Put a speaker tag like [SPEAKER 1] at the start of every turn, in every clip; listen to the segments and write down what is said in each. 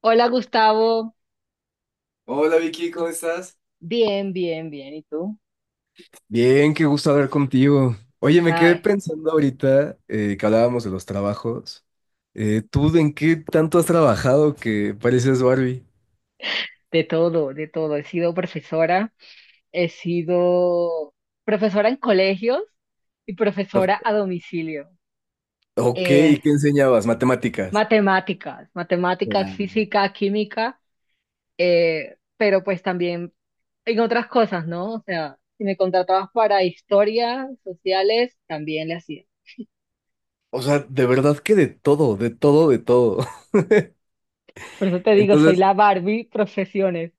[SPEAKER 1] Hola Gustavo.
[SPEAKER 2] Hola Vicky, ¿cómo estás?
[SPEAKER 1] Bien, bien, bien. ¿Y tú?
[SPEAKER 2] Bien, qué gusto hablar contigo. Oye, me quedé
[SPEAKER 1] Ay,
[SPEAKER 2] pensando ahorita que hablábamos de los trabajos. ¿Tú en qué tanto has trabajado que pareces Barbie?
[SPEAKER 1] de todo, de todo. He sido profesora en colegios y profesora
[SPEAKER 2] Prof-
[SPEAKER 1] a domicilio.
[SPEAKER 2] Ok,
[SPEAKER 1] Eh,
[SPEAKER 2] ¿y qué enseñabas? Matemáticas.
[SPEAKER 1] matemáticas, matemáticas,
[SPEAKER 2] Claro.
[SPEAKER 1] física, química, pero pues también en otras cosas, ¿no? O sea, si me contratabas para historia, sociales, también le hacía.
[SPEAKER 2] O sea, de verdad que de todo, de todo, de todo.
[SPEAKER 1] Por eso te digo, soy
[SPEAKER 2] Entonces,
[SPEAKER 1] la Barbie profesiones.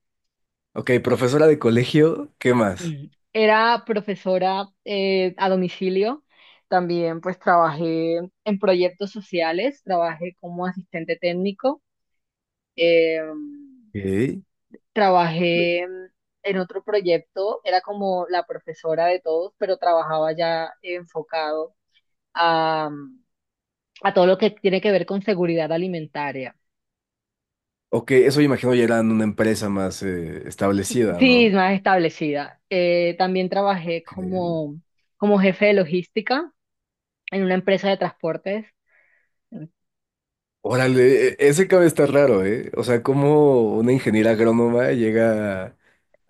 [SPEAKER 2] ok, profesora de colegio, ¿qué más?
[SPEAKER 1] Mm. Era profesora a domicilio. También pues trabajé en proyectos sociales, trabajé como asistente técnico, eh,
[SPEAKER 2] Ok,
[SPEAKER 1] trabajé en otro proyecto, era como la profesora de todos, pero trabajaba ya enfocado a, a todo lo que tiene que ver con seguridad alimentaria.
[SPEAKER 2] ok, eso imagino ya era en una empresa más establecida,
[SPEAKER 1] Sí,
[SPEAKER 2] ¿no?
[SPEAKER 1] más establecida. También trabajé
[SPEAKER 2] Ok.
[SPEAKER 1] como jefe de logística en una empresa de transportes.
[SPEAKER 2] Órale, ese cabe está raro, ¿eh? O sea, como una ingeniera agrónoma llega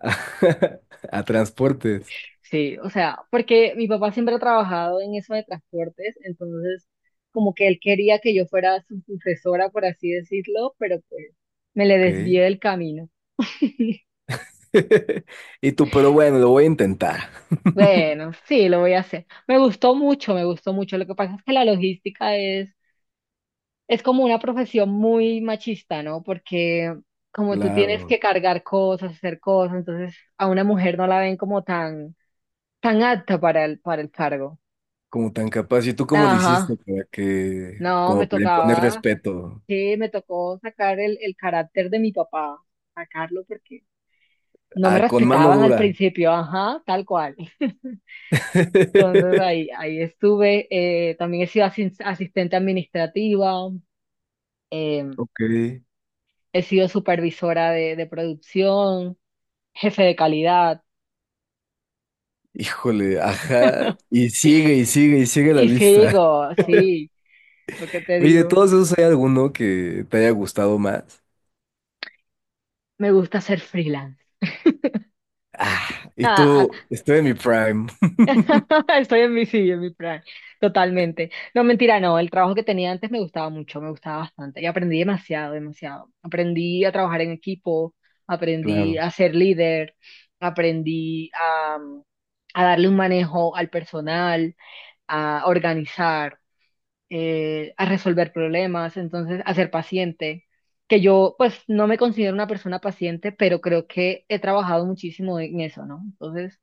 [SPEAKER 2] a, a transportes.
[SPEAKER 1] Sí, o sea, porque mi papá siempre ha trabajado en eso de transportes, entonces como que él quería que yo fuera su sucesora, por así decirlo, pero pues me le
[SPEAKER 2] Ok.
[SPEAKER 1] desvié del camino.
[SPEAKER 2] Y tú, pero bueno, lo voy a intentar.
[SPEAKER 1] Bueno, sí, lo voy a hacer. Me gustó mucho, me gustó mucho. Lo que pasa es que la logística es como una profesión muy machista, ¿no? Porque como tú tienes
[SPEAKER 2] Claro,
[SPEAKER 1] que cargar cosas, hacer cosas, entonces a una mujer no la ven como tan, tan apta para el cargo.
[SPEAKER 2] como tan capaz. ¿Y tú cómo le hiciste
[SPEAKER 1] Ajá,
[SPEAKER 2] para que,
[SPEAKER 1] no, me
[SPEAKER 2] como para imponer
[SPEAKER 1] tocaba.
[SPEAKER 2] respeto?
[SPEAKER 1] Sí, me tocó sacar el carácter de mi papá, sacarlo porque no me
[SPEAKER 2] Ah, con mano
[SPEAKER 1] respetaban al
[SPEAKER 2] dura.
[SPEAKER 1] principio, ajá, tal cual. Entonces ahí, ahí estuve, también he sido asistente administrativa, eh,
[SPEAKER 2] Ok.
[SPEAKER 1] he sido supervisora de producción, jefe de calidad,
[SPEAKER 2] Híjole, ajá. Y sigue, y sigue, y sigue la
[SPEAKER 1] y
[SPEAKER 2] lista.
[SPEAKER 1] sigo, sí, lo que te
[SPEAKER 2] Oye, de
[SPEAKER 1] digo,
[SPEAKER 2] todos esos, ¿hay alguno que te haya gustado más?
[SPEAKER 1] me gusta ser freelance.
[SPEAKER 2] Ah, y tú, estoy en mi prime.
[SPEAKER 1] Estoy en mi, sí, en mi plan, totalmente. No, mentira, no, el trabajo que tenía antes me gustaba mucho, me gustaba bastante y aprendí demasiado, demasiado. Aprendí a trabajar en equipo, aprendí
[SPEAKER 2] Claro,
[SPEAKER 1] a ser líder, aprendí a darle un manejo al personal, a organizar, a resolver problemas, entonces a ser paciente. Que yo, pues, no me considero una persona paciente, pero creo que he trabajado muchísimo en eso, ¿no? Entonces.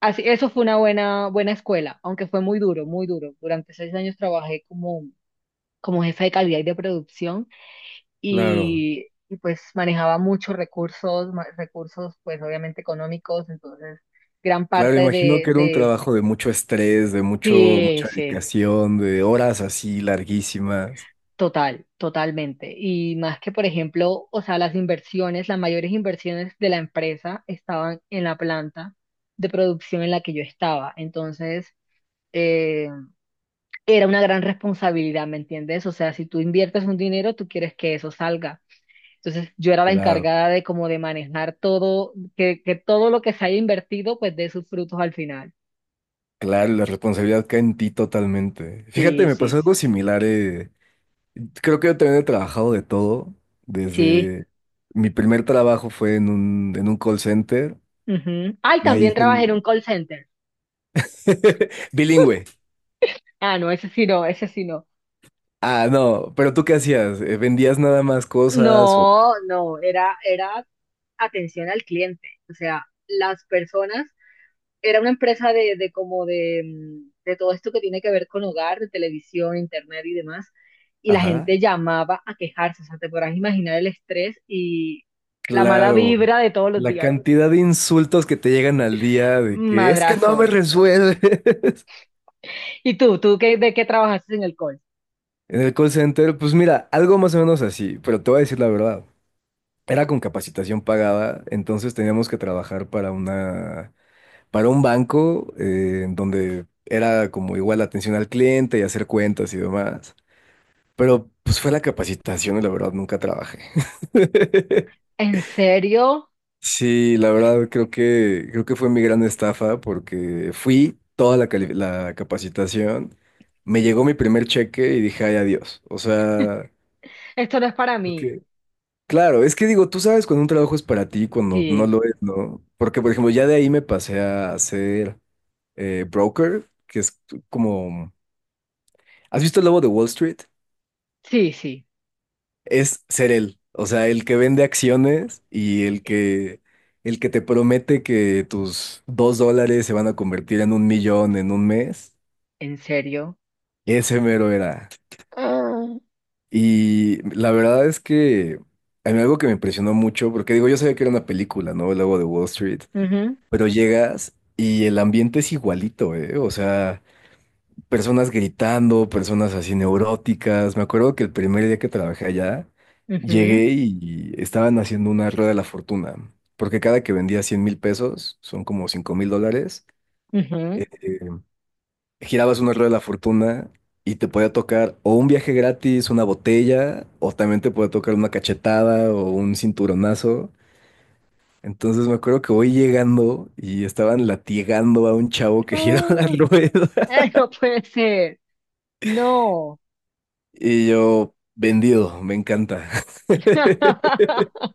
[SPEAKER 1] Así, eso fue una buena, buena escuela, aunque fue muy duro, muy duro. Durante 6 años trabajé como jefa de calidad y de producción
[SPEAKER 2] claro,
[SPEAKER 1] y pues manejaba muchos recursos, recursos pues obviamente económicos, entonces gran
[SPEAKER 2] claro.
[SPEAKER 1] parte
[SPEAKER 2] Imagino
[SPEAKER 1] de,
[SPEAKER 2] que era un
[SPEAKER 1] de,
[SPEAKER 2] trabajo de mucho estrés, de mucho,
[SPEAKER 1] Sí,
[SPEAKER 2] mucha
[SPEAKER 1] sí.
[SPEAKER 2] dedicación, de horas así larguísimas.
[SPEAKER 1] Totalmente. Y más que, por ejemplo, o sea, las inversiones, las mayores inversiones de la empresa estaban en la planta de producción en la que yo estaba. Entonces, eh, era una gran responsabilidad, ¿me entiendes? O sea, si tú inviertes un dinero, tú quieres que eso salga. Entonces, yo era la
[SPEAKER 2] Claro,
[SPEAKER 1] encargada de como de manejar todo, que todo lo que se haya invertido, pues dé sus frutos al final.
[SPEAKER 2] claro, la responsabilidad cae en ti totalmente. Fíjate,
[SPEAKER 1] Sí,
[SPEAKER 2] me
[SPEAKER 1] sí,
[SPEAKER 2] pasó
[SPEAKER 1] sí.
[SPEAKER 2] algo similar. Creo que yo también he trabajado de todo.
[SPEAKER 1] Sí.
[SPEAKER 2] Desde mi primer trabajo fue en un call center.
[SPEAKER 1] Ujú. Ay,
[SPEAKER 2] De ahí
[SPEAKER 1] también
[SPEAKER 2] hice
[SPEAKER 1] trabajé
[SPEAKER 2] el-
[SPEAKER 1] en un call center.
[SPEAKER 2] bilingüe.
[SPEAKER 1] Ah, no, ese sí no, ese sí no.
[SPEAKER 2] Ah, no, pero ¿tú qué hacías? ¿Vendías nada más cosas o...?
[SPEAKER 1] No, no, era atención al cliente. O sea, las personas era una empresa de como de todo esto que tiene que ver con hogar, de televisión, internet y demás. Y la
[SPEAKER 2] Ajá.
[SPEAKER 1] gente llamaba a quejarse, o sea, te podrás imaginar el estrés y la mala
[SPEAKER 2] Claro,
[SPEAKER 1] vibra de todos los
[SPEAKER 2] la
[SPEAKER 1] días.
[SPEAKER 2] cantidad de insultos que te llegan al día de que es que no me
[SPEAKER 1] Madrazos.
[SPEAKER 2] resuelve.
[SPEAKER 1] ¿Y tú qué, de qué trabajaste en el call?
[SPEAKER 2] En el call center, pues mira, algo más o menos así, pero te voy a decir la verdad. Era con capacitación pagada, entonces teníamos que trabajar para una, para un banco en donde era como igual atención al cliente y hacer cuentas y demás. Pero pues fue la capacitación y la verdad nunca trabajé.
[SPEAKER 1] ¿En serio?
[SPEAKER 2] Sí, la verdad creo que fue mi gran estafa porque fui toda la capacitación, me llegó mi primer cheque y dije, ay, adiós. O sea,
[SPEAKER 1] Esto no es para mí.
[SPEAKER 2] porque claro, es que digo, tú sabes cuando un trabajo es para ti, y cuando no
[SPEAKER 1] Sí,
[SPEAKER 2] lo es, ¿no? Porque, por ejemplo, ya de ahí me pasé a ser broker, que es como ¿has visto El lobo de Wall Street?
[SPEAKER 1] sí, sí,
[SPEAKER 2] Es ser él. O sea, el que vende acciones y el que te promete que tus $2 se van a convertir en un millón en un mes.
[SPEAKER 1] en serio.
[SPEAKER 2] Ese mero era.
[SPEAKER 1] Ah,
[SPEAKER 2] Y la verdad es que a mí algo que me impresionó mucho, porque digo, yo sabía que era una película, ¿no? El lobo de Wall Street,
[SPEAKER 1] ujú,
[SPEAKER 2] pero llegas y el ambiente es igualito, ¿eh? O sea, personas gritando, personas así neuróticas. Me acuerdo que el primer día que trabajé allá,
[SPEAKER 1] ujú,
[SPEAKER 2] llegué y estaban haciendo una rueda de la fortuna, porque cada que vendía 100,000 pesos, son como $5,000,
[SPEAKER 1] ujú.
[SPEAKER 2] eh, eh, girabas una rueda de la fortuna y te podía tocar o un viaje gratis, una botella, o también te podía tocar una cachetada o un cinturonazo. Entonces me acuerdo que voy llegando y estaban latigando a un chavo que giraba la
[SPEAKER 1] Ah,
[SPEAKER 2] rueda.
[SPEAKER 1] ay, no puede ser. No.
[SPEAKER 2] Y yo, vendido, me encanta.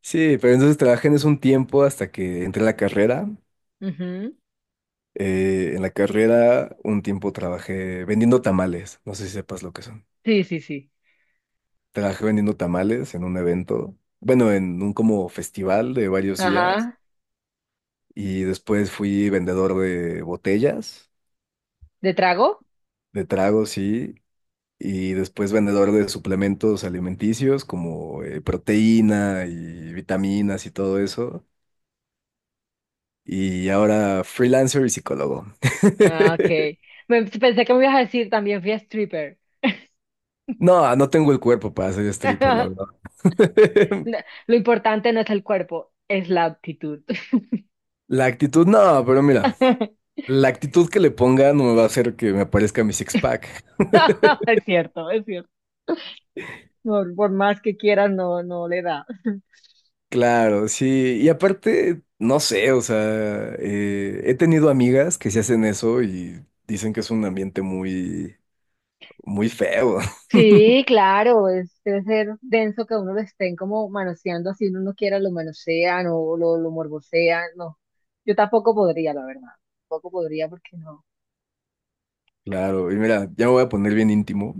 [SPEAKER 2] Sí, pero entonces trabajé en eso un tiempo hasta que entré a la carrera.
[SPEAKER 1] Ujú.
[SPEAKER 2] En la carrera un tiempo trabajé vendiendo tamales, no sé si sepas lo que son.
[SPEAKER 1] Sí, sí, sí.
[SPEAKER 2] Trabajé vendiendo tamales en un evento, bueno, en un como festival de varios días
[SPEAKER 1] Ajá.
[SPEAKER 2] y después fui vendedor de botellas,
[SPEAKER 1] ¿De trago?
[SPEAKER 2] de tragos, sí, y después vendedor de suplementos alimenticios como proteína y vitaminas y todo eso. Y ahora freelancer y psicólogo.
[SPEAKER 1] Ah, ok. Pensé que me ibas a decir también fui a stripper.
[SPEAKER 2] No, no tengo el cuerpo para ser stripper, la verdad.
[SPEAKER 1] No, lo importante no es el cuerpo, es la actitud.
[SPEAKER 2] La actitud, no, pero mira, la actitud que le ponga no me va a hacer que me parezca mi six-pack.
[SPEAKER 1] Es cierto, es cierto. Por más que quieras, no, no le da.
[SPEAKER 2] Claro, sí. Y aparte, no sé, o sea, he tenido amigas que se hacen eso y dicen que es un ambiente muy, muy feo.
[SPEAKER 1] Sí, claro, debe ser denso que uno lo estén como manoseando así uno no quiera, lo manosean o lo morbosean. No, yo tampoco podría, la verdad. Tampoco podría porque no.
[SPEAKER 2] Claro, y mira, ya me voy a poner bien íntimo,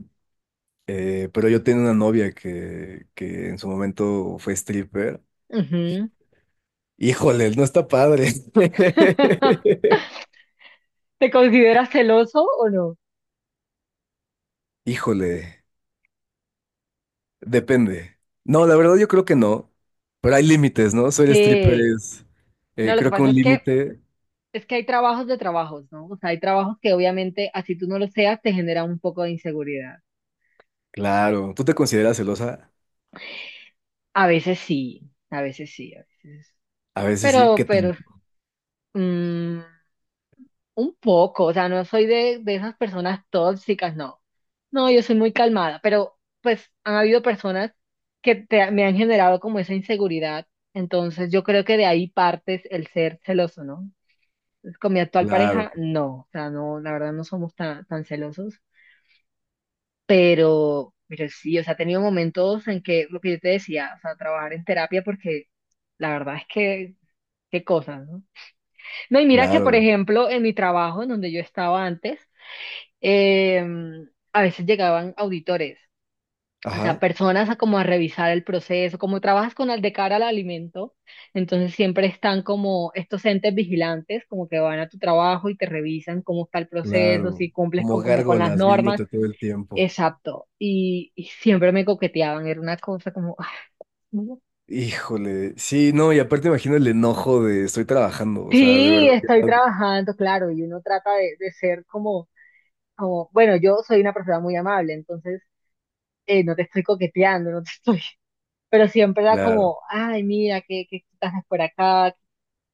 [SPEAKER 2] pero yo tenía una novia que en su momento fue stripper.
[SPEAKER 1] Ujú.
[SPEAKER 2] Híjole, no está padre.
[SPEAKER 1] ¿Te consideras celoso o no?
[SPEAKER 2] Híjole, depende. No, la verdad yo creo que no, pero hay límites, ¿no? Soy stripper
[SPEAKER 1] Sí,
[SPEAKER 2] es,
[SPEAKER 1] no, lo que
[SPEAKER 2] creo que
[SPEAKER 1] pasa
[SPEAKER 2] un
[SPEAKER 1] es que
[SPEAKER 2] límite,
[SPEAKER 1] es que hay trabajos de trabajos, ¿no? O sea, hay trabajos que obviamente, así tú no lo seas, te genera un poco de inseguridad.
[SPEAKER 2] claro. ¿Tú te consideras celosa?
[SPEAKER 1] A veces sí, a veces sí, a veces.
[SPEAKER 2] A veces sí,
[SPEAKER 1] Pero,
[SPEAKER 2] ¿qué tan?
[SPEAKER 1] pero, mm, un poco, o sea, no soy de esas personas tóxicas, no. No, yo soy muy calmada, pero pues han habido personas que me han generado como esa inseguridad. Entonces yo creo que de ahí partes el ser celoso, ¿no? Entonces, con mi actual
[SPEAKER 2] Claro,
[SPEAKER 1] pareja, no, o sea, no, la verdad no somos tan, tan celosos. Pero sí, o sea, he tenido momentos en que lo que yo te decía, o sea, trabajar en terapia porque la verdad es que, qué cosas, ¿no? No, y mira que, por
[SPEAKER 2] claro.
[SPEAKER 1] ejemplo, en mi trabajo, en donde yo estaba antes, eh, a veces llegaban auditores, o sea,
[SPEAKER 2] Ajá,
[SPEAKER 1] personas a como a revisar el proceso, como trabajas con el de cara al alimento, entonces siempre están como estos entes vigilantes, como que van a tu trabajo y te revisan cómo está el proceso,
[SPEAKER 2] claro.
[SPEAKER 1] si cumples
[SPEAKER 2] Como
[SPEAKER 1] con, como con las
[SPEAKER 2] gárgolas
[SPEAKER 1] normas.
[SPEAKER 2] viéndote todo el tiempo.
[SPEAKER 1] Exacto. Y siempre me coqueteaban, era una cosa como, "Ay, no,
[SPEAKER 2] Híjole, sí, no, y aparte imagino el enojo de estoy trabajando, o sea, de
[SPEAKER 1] sí,
[SPEAKER 2] verdad,
[SPEAKER 1] estoy
[SPEAKER 2] ya,
[SPEAKER 1] trabajando, claro, y uno trata de ser como, bueno, yo soy una persona muy amable, entonces no te estoy coqueteando, no te estoy, pero siempre era
[SPEAKER 2] claro,
[SPEAKER 1] como, ay, mira, qué haces por acá.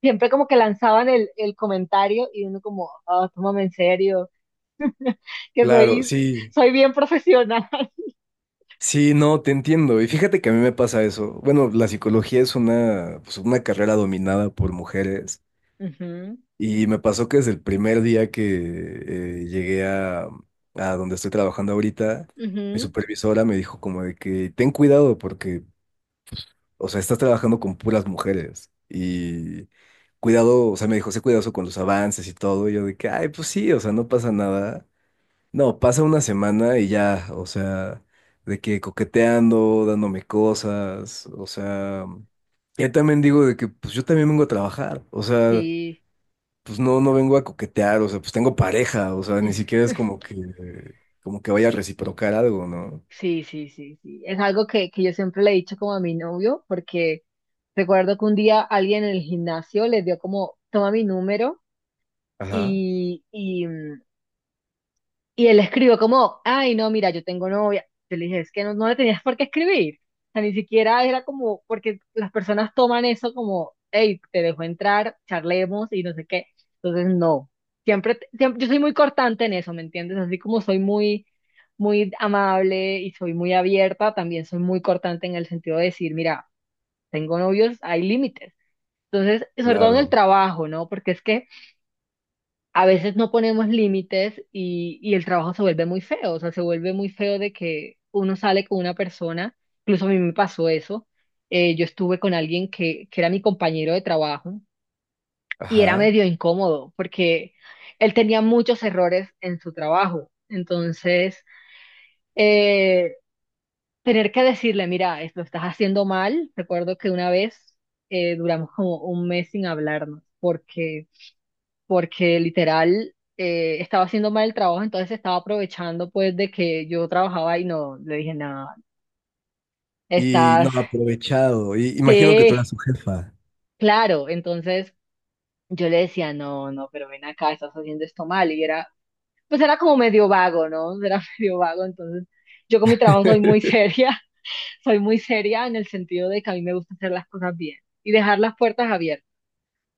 [SPEAKER 1] Siempre como que lanzaban el comentario y uno como, ah, tómame en serio, que
[SPEAKER 2] claro,
[SPEAKER 1] soy,
[SPEAKER 2] sí.
[SPEAKER 1] soy bien profesional.
[SPEAKER 2] Sí, no, te entiendo. Y fíjate que a mí me pasa eso. Bueno, la psicología es pues una carrera dominada por mujeres.
[SPEAKER 1] Ujú,
[SPEAKER 2] Y me pasó que desde el primer día que llegué a donde estoy trabajando ahorita, mi
[SPEAKER 1] ujú,
[SPEAKER 2] supervisora me dijo como de que ten cuidado porque, o sea, estás trabajando con puras mujeres. Y cuidado, o sea, me dijo, sé cuidadoso con los avances y todo. Y yo de que, ay, pues sí, o sea, no pasa nada. No, pasa una semana y ya, o sea, de que coqueteando, dándome cosas, o sea, ya también digo de que pues yo también vengo a trabajar, o sea,
[SPEAKER 1] sí.
[SPEAKER 2] pues no, no vengo a coquetear, o sea, pues tengo pareja, o sea, ni siquiera es como que vaya a reciprocar algo, ¿no?
[SPEAKER 1] Sí, sí, sí, sí. Es algo que yo siempre le he dicho como a mi novio, porque recuerdo que un día alguien en el gimnasio le dio como, toma mi número
[SPEAKER 2] Ajá,
[SPEAKER 1] y, y él escribió como, ay, no, mira, yo tengo novia. Yo le dije, es que no, no le tenías por qué escribir. O sea, ni siquiera era como, porque las personas toman eso como, hey, te dejo entrar, charlemos y no sé qué. Entonces, no. Siempre, siempre, yo soy muy cortante en eso, ¿me entiendes? Así como soy muy, muy amable y soy muy abierta, también soy muy cortante en el sentido de decir, mira, tengo novios, hay límites. Entonces, sobre todo en el
[SPEAKER 2] claro,
[SPEAKER 1] trabajo, ¿no? Porque es que a veces no ponemos límites y el trabajo se vuelve muy feo, o sea, se vuelve muy feo de que uno sale con una persona, incluso a mí me pasó eso, yo estuve con alguien que era mi compañero de trabajo y era
[SPEAKER 2] ajá.
[SPEAKER 1] medio incómodo porque él tenía muchos errores en su trabajo, entonces eh, tener que decirle, mira, esto lo estás haciendo mal, recuerdo que una vez duramos como un mes sin hablarnos porque literal estaba haciendo mal el trabajo, entonces estaba aprovechando pues de que yo trabajaba y no, le dije, nada,
[SPEAKER 2] Y no,
[SPEAKER 1] estás,
[SPEAKER 2] aprovechado, y imagino que tú eras
[SPEAKER 1] sí,
[SPEAKER 2] su jefa.
[SPEAKER 1] claro, entonces yo le decía, no, no, pero ven acá, estás haciendo esto mal, y pues era como medio vago, ¿no? Era medio vago, entonces yo con mi trabajo soy muy seria, soy muy seria en el sentido de que a mí me gusta hacer las cosas bien y dejar las puertas abiertas.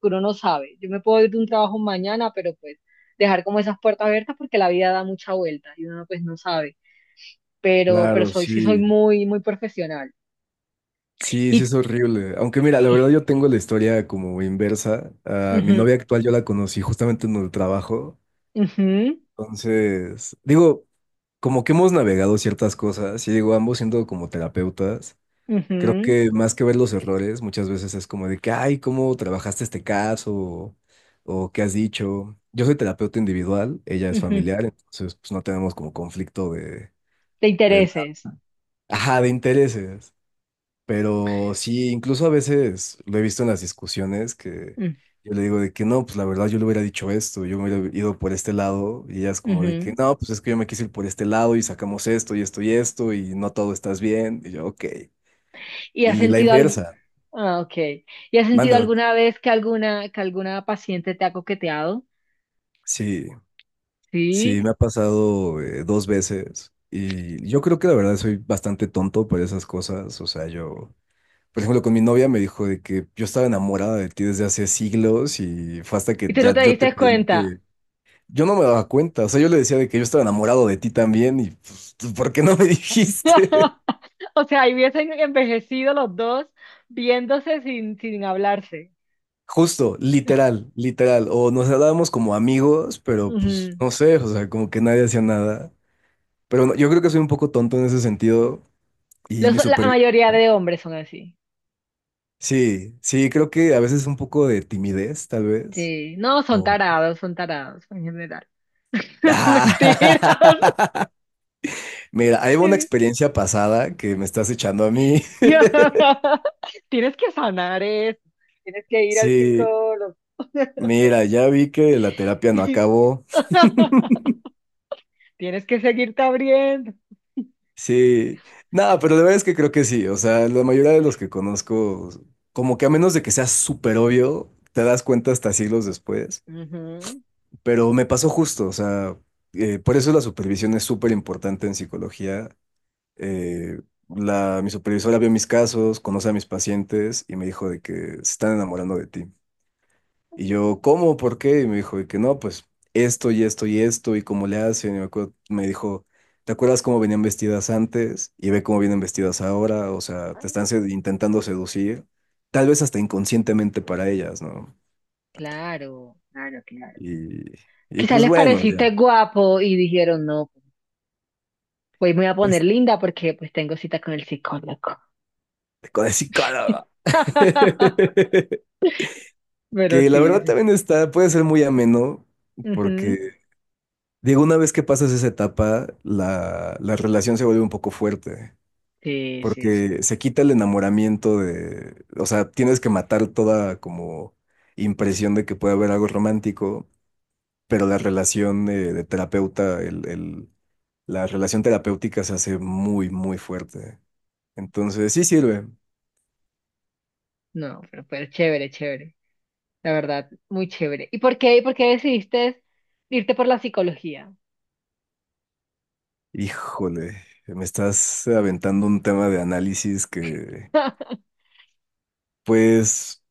[SPEAKER 1] Uno no sabe. Yo me puedo ir de un trabajo mañana, pero pues dejar como esas puertas abiertas porque la vida da mucha vuelta y uno pues no sabe. Pero
[SPEAKER 2] Claro,
[SPEAKER 1] sí soy
[SPEAKER 2] sí.
[SPEAKER 1] muy, muy profesional.
[SPEAKER 2] Sí, sí
[SPEAKER 1] Y,
[SPEAKER 2] es horrible. Aunque mira, la
[SPEAKER 1] y-
[SPEAKER 2] verdad yo tengo la historia como inversa. A mi
[SPEAKER 1] ujú,
[SPEAKER 2] novia actual yo la conocí justamente en el trabajo.
[SPEAKER 1] ujú,
[SPEAKER 2] Entonces, digo, como que hemos navegado ciertas cosas y digo, ambos siendo como terapeutas, creo
[SPEAKER 1] ujú,
[SPEAKER 2] que más que ver los errores, muchas veces es como de que, ay, ¿cómo trabajaste este caso? O ¿qué has dicho? Yo soy terapeuta individual, ella es
[SPEAKER 1] ujú.
[SPEAKER 2] familiar, entonces pues no tenemos como conflicto de,
[SPEAKER 1] Te
[SPEAKER 2] de,
[SPEAKER 1] intereses.
[SPEAKER 2] ajá, de intereses. Pero sí, incluso a veces lo he visto en las discusiones que
[SPEAKER 1] Mm,
[SPEAKER 2] yo le digo de que no, pues la verdad yo le hubiera dicho esto, yo me hubiera ido por este lado y ella es como de que
[SPEAKER 1] ujú.
[SPEAKER 2] no, pues es que yo me quise ir por este lado y sacamos esto y esto y esto y no todo estás bien. Y yo, ok.
[SPEAKER 1] ¿Y has
[SPEAKER 2] Y la
[SPEAKER 1] sentido algo?
[SPEAKER 2] inversa,
[SPEAKER 1] Ah, ok. ¿Y has sentido
[SPEAKER 2] manda.
[SPEAKER 1] alguna vez que alguna paciente te ha coqueteado?
[SPEAKER 2] Sí, sí, me
[SPEAKER 1] Sí.
[SPEAKER 2] ha pasado dos veces y yo creo que la verdad soy bastante tonto por esas cosas, o sea, yo... Por ejemplo, con mi novia me dijo de que yo estaba enamorada de ti desde hace siglos y fue hasta
[SPEAKER 1] Y
[SPEAKER 2] que
[SPEAKER 1] tú no
[SPEAKER 2] ya
[SPEAKER 1] te
[SPEAKER 2] yo te
[SPEAKER 1] diste
[SPEAKER 2] pedí
[SPEAKER 1] cuenta.
[SPEAKER 2] que... Yo no me daba cuenta, o sea, yo le decía de que yo estaba enamorado de ti también y pues, ¿tú por qué no me dijiste?
[SPEAKER 1] O sea, ahí hubiesen envejecido los dos viéndose sin, hablarse.
[SPEAKER 2] Justo, literal, literal. O nos hablábamos como amigos, pero pues
[SPEAKER 1] Ujú.
[SPEAKER 2] no sé, o sea, como que nadie hacía nada. Pero no, yo creo que soy un poco tonto en ese sentido y
[SPEAKER 1] Los-
[SPEAKER 2] mi
[SPEAKER 1] la
[SPEAKER 2] supervisor.
[SPEAKER 1] mayoría de hombres son así.
[SPEAKER 2] Sí, sí, creo que a veces un poco de timidez, tal vez.
[SPEAKER 1] Sí, no,
[SPEAKER 2] O...
[SPEAKER 1] son tarados en general. Mentiras.
[SPEAKER 2] Mira, hay una experiencia pasada que me estás echando a mí.
[SPEAKER 1] Tienes que sanar eso. Tienes que ir al
[SPEAKER 2] Sí,
[SPEAKER 1] psicólogo.
[SPEAKER 2] mira, ya vi que la terapia no acabó.
[SPEAKER 1] Tienes que seguirte abriendo.
[SPEAKER 2] Sí, nada, pero la verdad es que creo que sí. O sea, la mayoría de los que conozco, como que a menos de que sea súper obvio, te das cuenta hasta siglos después.
[SPEAKER 1] Ujú.
[SPEAKER 2] Pero me pasó justo, o sea, por eso la supervisión es súper importante en psicología. Eh, la, mi supervisora vio mis casos, conoce a mis pacientes y me dijo de que se están enamorando de ti. Y yo, ¿cómo? ¿Por qué? Y me dijo, y que no, pues esto y esto y esto, y cómo le hacen. Y me dijo, ¿te acuerdas cómo venían vestidas antes? Y ve cómo vienen vestidas ahora. O sea, te están intentando seducir, tal vez hasta inconscientemente para ellas, ¿no?
[SPEAKER 1] Claro, claro, claro.
[SPEAKER 2] Y, y
[SPEAKER 1] Quizás
[SPEAKER 2] pues
[SPEAKER 1] les
[SPEAKER 2] bueno, ya,
[SPEAKER 1] pareciste guapo y dijeron, no, hoy me voy a poner
[SPEAKER 2] pues
[SPEAKER 1] linda porque pues tengo cita con el psicólogo.
[SPEAKER 2] con el psicólogo.
[SPEAKER 1] Pero
[SPEAKER 2] Que la
[SPEAKER 1] sí,
[SPEAKER 2] verdad
[SPEAKER 1] sí.
[SPEAKER 2] también está, puede ser muy ameno,
[SPEAKER 1] Ujú.
[SPEAKER 2] porque digo, una vez que pasas esa etapa, la relación se vuelve un poco fuerte.
[SPEAKER 1] Sí, sí, sí.
[SPEAKER 2] Porque se quita el enamoramiento de, o sea, tienes que matar toda como impresión de que puede haber algo romántico, pero la relación de terapeuta, la relación terapéutica se hace muy, muy fuerte. Entonces, sí sirve.
[SPEAKER 1] No, pero chévere, chévere. La verdad, muy chévere. ¿Y por qué decidiste irte por la psicología?
[SPEAKER 2] Híjole, me estás aventando un tema de análisis que, pues,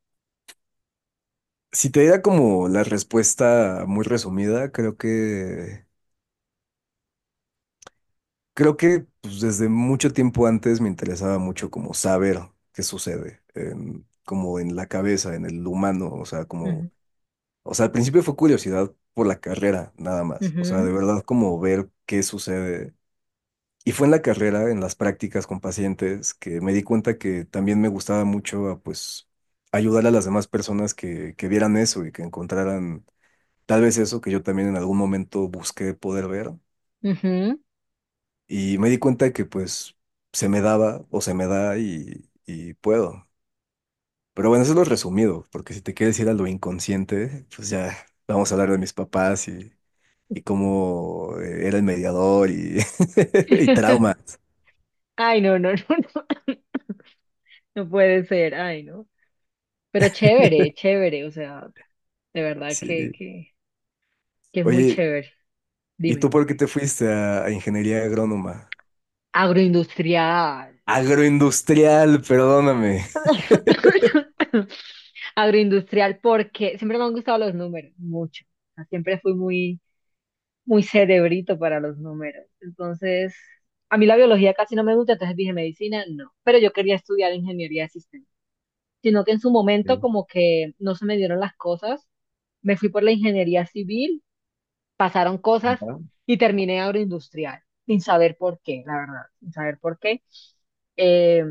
[SPEAKER 2] si te diera como la respuesta muy resumida, creo que pues, desde mucho tiempo antes me interesaba mucho como saber qué sucede, como en la cabeza, en el humano, o sea, como,
[SPEAKER 1] Ujú,
[SPEAKER 2] o sea, al principio fue curiosidad por la carrera, nada más, o sea,
[SPEAKER 1] ujú,
[SPEAKER 2] de verdad como ver qué sucede. Y fue en la carrera, en las prácticas con pacientes, que me di cuenta que también me gustaba mucho, ah, pues, ayudar a las demás personas que vieran eso y que encontraran tal vez eso que yo también en algún momento busqué poder ver.
[SPEAKER 1] ujú.
[SPEAKER 2] Y me di cuenta que pues se me da y, puedo. Pero bueno, eso es lo resumido, porque si te quieres ir a lo inconsciente, pues ya vamos a hablar de mis papás y cómo era el mediador y, y traumas.
[SPEAKER 1] Ay, no, no, no, no. No puede ser, ay, no. Pero chévere, chévere, o sea, de verdad que,
[SPEAKER 2] Sí.
[SPEAKER 1] que, que es muy
[SPEAKER 2] Oye,
[SPEAKER 1] chévere.
[SPEAKER 2] ¿y tú
[SPEAKER 1] Dime.
[SPEAKER 2] por qué te fuiste a ingeniería agrónoma?
[SPEAKER 1] Agroindustrial.
[SPEAKER 2] Agroindustrial, perdóname.
[SPEAKER 1] Agroindustrial, porque siempre me han gustado los números, mucho. O sea, siempre fui muy, muy cerebrito para los números. Entonces, a mí la biología casi no me gusta, entonces dije medicina, no. Pero yo quería estudiar ingeniería de sistemas. Sino que en su momento
[SPEAKER 2] Sí.
[SPEAKER 1] como que no se me dieron las cosas. Me fui por la ingeniería civil, pasaron cosas
[SPEAKER 2] ¿Va?
[SPEAKER 1] y terminé agroindustrial, sin saber por qué, la verdad, sin saber por qué. Eh,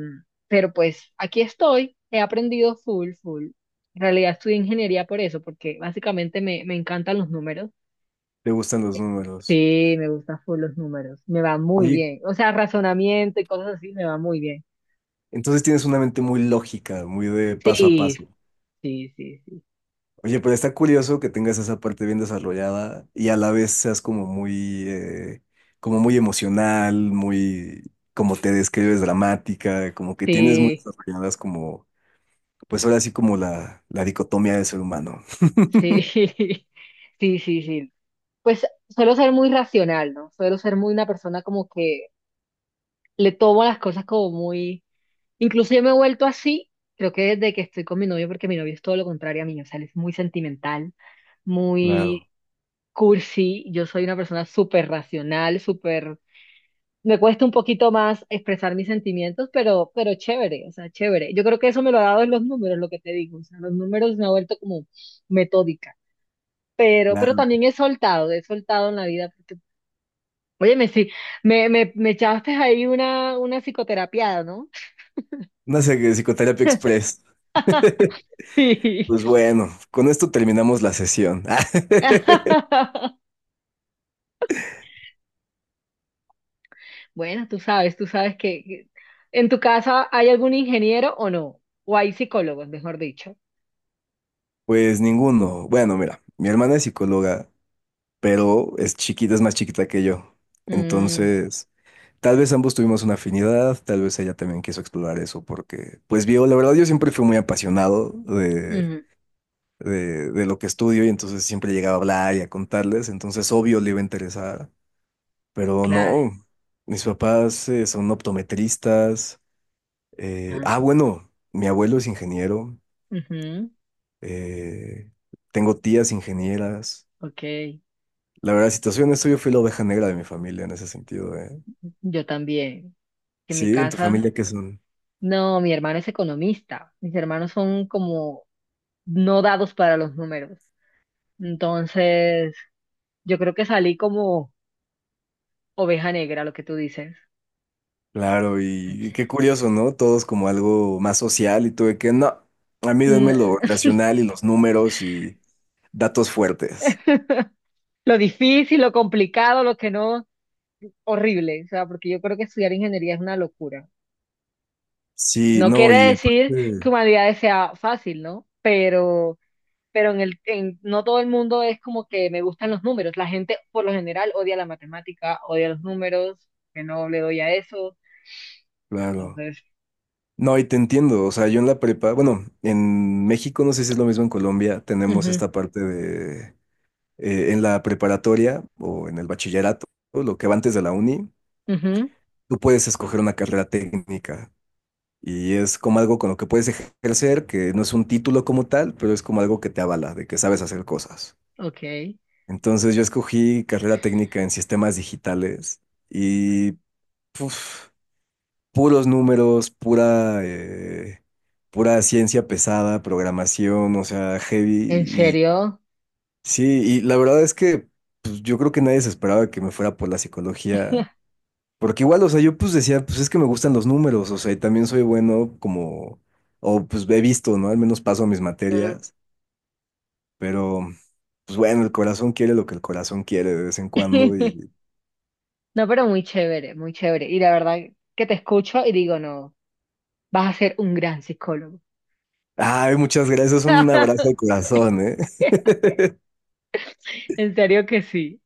[SPEAKER 1] pero pues aquí estoy, he aprendido full, full. En realidad estudié ingeniería por eso, porque básicamente me encantan los números.
[SPEAKER 2] Te gustan los números.
[SPEAKER 1] Sí, me gustan full los números, me va muy
[SPEAKER 2] Oye,
[SPEAKER 1] bien. O sea, razonamiento y cosas así me va muy bien.
[SPEAKER 2] entonces tienes una mente muy lógica, muy de paso a
[SPEAKER 1] Sí,
[SPEAKER 2] paso.
[SPEAKER 1] sí, sí,
[SPEAKER 2] Oye, pero está curioso que tengas esa parte bien desarrollada y a la vez seas como muy emocional, muy, como te describes, dramática, como que tienes muy
[SPEAKER 1] sí,
[SPEAKER 2] desarrolladas como, pues ahora sí como la dicotomía del ser humano.
[SPEAKER 1] sí, sí, sí, sí, sí. Pues suelo ser muy racional, ¿no? Suelo ser muy una persona como que le tomo las cosas como muy. Incluso yo me he vuelto así, creo que desde que estoy con mi novio, porque mi novio es todo lo contrario a mí, o sea, él es muy sentimental,
[SPEAKER 2] Claro,
[SPEAKER 1] muy cursi, yo soy una persona súper racional, súper. Me cuesta un poquito más expresar mis sentimientos, pero, chévere, o sea, chévere. Yo creo que eso me lo ha dado en los números, lo que te digo, o sea, los números me ha vuelto como metódica, pero
[SPEAKER 2] claro.
[SPEAKER 1] también he soltado en la vida, porque, óyeme, sí, me echaste ahí una psicoterapiada, ¿no?
[SPEAKER 2] Una sé, psicoterapia express.
[SPEAKER 1] sí.
[SPEAKER 2] Pues bueno, con esto terminamos la sesión.
[SPEAKER 1] Bueno, tú sabes que en tu casa hay algún ingeniero o no, o hay psicólogos, mejor dicho.
[SPEAKER 2] Pues ninguno. Bueno, mira, mi hermana es psicóloga, pero es chiquita, es más chiquita que yo.
[SPEAKER 1] Mm,
[SPEAKER 2] Entonces, tal vez ambos tuvimos una afinidad, tal vez ella también quiso explorar eso porque, pues vio, la verdad yo siempre fui muy apasionado de,
[SPEAKER 1] ujú,
[SPEAKER 2] de lo que estudio y entonces siempre llegaba a hablar y a contarles, entonces obvio le iba a interesar, pero
[SPEAKER 1] claro.
[SPEAKER 2] no, mis papás son optometristas,
[SPEAKER 1] Ah,
[SPEAKER 2] ah bueno, mi abuelo es ingeniero,
[SPEAKER 1] ujú,
[SPEAKER 2] eh, tengo tías ingenieras,
[SPEAKER 1] ok,
[SPEAKER 2] la verdad, situación es que yo fui la oveja negra de mi familia en ese sentido, ¿eh?
[SPEAKER 1] yo también. En mi
[SPEAKER 2] Sí, en tu
[SPEAKER 1] casa,
[SPEAKER 2] familia qué son...
[SPEAKER 1] no, mi hermano es economista. Mis hermanos son como no dados para los números. Entonces, yo creo que salí como oveja negra, lo que tú dices.
[SPEAKER 2] Claro, y,
[SPEAKER 1] Ach.
[SPEAKER 2] qué curioso, ¿no? Todos como algo más social y tuve que, no, a mí denme
[SPEAKER 1] N-
[SPEAKER 2] lo racional y los números y datos fuertes.
[SPEAKER 1] Lo difícil, lo complicado, lo que no. Horrible, o sea, porque yo creo que estudiar ingeniería es una locura.
[SPEAKER 2] Sí,
[SPEAKER 1] No
[SPEAKER 2] no,
[SPEAKER 1] quiere
[SPEAKER 2] y
[SPEAKER 1] decir
[SPEAKER 2] aparte,
[SPEAKER 1] que humanidades sea fácil, ¿no? Pero no todo el mundo es como que me gustan los números. La gente por lo general odia la matemática, odia los números, que no le doy a eso.
[SPEAKER 2] claro.
[SPEAKER 1] Entonces,
[SPEAKER 2] No, y te entiendo, o sea, yo en la prepa, bueno, en México, no sé si es lo mismo en Colombia, tenemos esta parte de, en la preparatoria o en el bachillerato, lo que va antes de la uni,
[SPEAKER 1] ujú, ujú,
[SPEAKER 2] tú puedes escoger una carrera técnica. Y es como algo con lo que puedes ejercer, que no es un título como tal, pero es como algo que te avala, de que sabes hacer cosas.
[SPEAKER 1] ok,
[SPEAKER 2] Entonces yo escogí carrera técnica en sistemas digitales y puf, puros números, pura, pura ciencia pesada, programación, o sea,
[SPEAKER 1] ¿en
[SPEAKER 2] heavy. Y
[SPEAKER 1] serio?
[SPEAKER 2] sí, y la verdad es que pues, yo creo que nadie se esperaba que me fuera por la psicología. Porque igual, o sea, yo pues decía, pues es que me gustan los números, o sea, y también soy bueno como, o pues he visto, ¿no? Al menos paso mis
[SPEAKER 1] Ujú.
[SPEAKER 2] materias, pero pues bueno, el corazón quiere lo que el corazón quiere de vez en cuando y...
[SPEAKER 1] No, pero muy chévere, muy chévere. Y la verdad que te escucho y digo, no, vas a ser un gran psicólogo.
[SPEAKER 2] Ay, muchas gracias, un abrazo de corazón, ¿eh?
[SPEAKER 1] En serio que sí.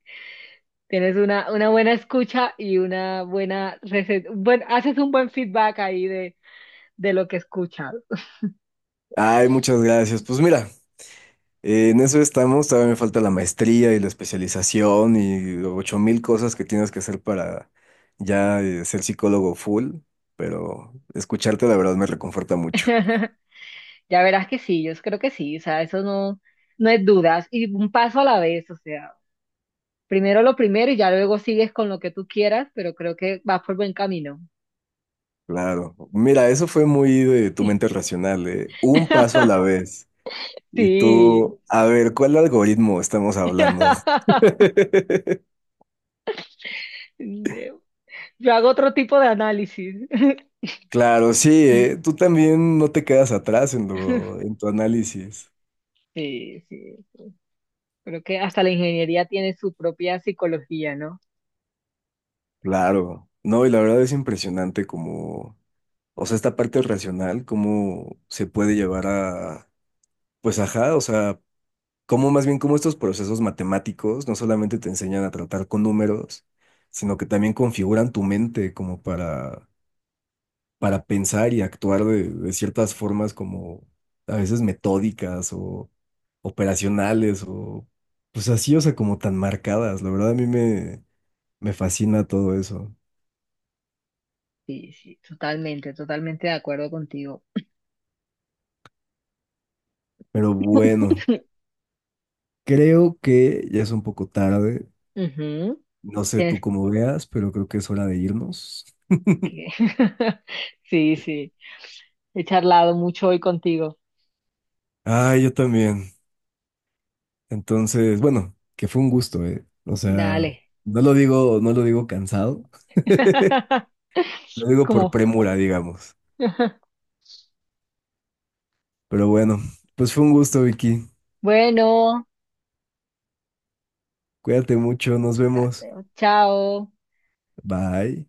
[SPEAKER 1] Tienes una buena escucha y una buena receta. Bueno, haces un buen feedback ahí de lo que escuchas.
[SPEAKER 2] Ay, muchas gracias. Pues mira, en eso estamos, todavía me falta la maestría y la especialización y 8000 cosas que tienes que hacer para ya ser psicólogo full, pero escucharte la verdad me reconforta mucho.
[SPEAKER 1] Ya verás que sí, yo creo que sí, o sea, eso no, no es dudas. Y un paso a la vez, o sea, primero lo primero y ya luego sigues con lo que tú quieras, pero creo que vas por buen camino.
[SPEAKER 2] Claro, mira, eso fue muy de tu mente racional, ¿eh? Un paso a la vez. Y
[SPEAKER 1] Sí.
[SPEAKER 2] tú, a ver, ¿cuál algoritmo estamos hablando?
[SPEAKER 1] Yo hago otro tipo de análisis.
[SPEAKER 2] Claro, sí, ¿eh? Tú también no te quedas atrás en lo, en tu análisis.
[SPEAKER 1] Sí, sí. Creo que hasta la ingeniería tiene su propia psicología, ¿no?
[SPEAKER 2] Claro, no, y la verdad es impresionante como, o sea, esta parte racional, cómo se puede llevar a, pues ajá, o sea, cómo más bien cómo estos procesos matemáticos no solamente te enseñan a tratar con números, sino que también configuran tu mente como para pensar y actuar de, ciertas formas como a veces metódicas o operacionales o pues así, o sea, como tan marcadas. La verdad me fascina todo eso.
[SPEAKER 1] Sí, sí, totalmente, totalmente de acuerdo contigo.
[SPEAKER 2] Pero bueno, creo que ya es un poco tarde.
[SPEAKER 1] Ujú.
[SPEAKER 2] No sé
[SPEAKER 1] Tienes
[SPEAKER 2] tú cómo veas, pero creo que es hora de irnos.
[SPEAKER 1] que. Sí, sí. He charlado mucho hoy contigo.
[SPEAKER 2] Ah, yo también. Entonces, bueno, que fue un gusto, ¿eh? O sea,
[SPEAKER 1] Dale.
[SPEAKER 2] no lo digo cansado, lo digo por
[SPEAKER 1] ¿Cómo?
[SPEAKER 2] premura, digamos. Pero bueno, pues fue un gusto, Vicky.
[SPEAKER 1] Bueno,
[SPEAKER 2] Cuídate mucho, nos
[SPEAKER 1] a-
[SPEAKER 2] vemos.
[SPEAKER 1] eh, chao.
[SPEAKER 2] Bye.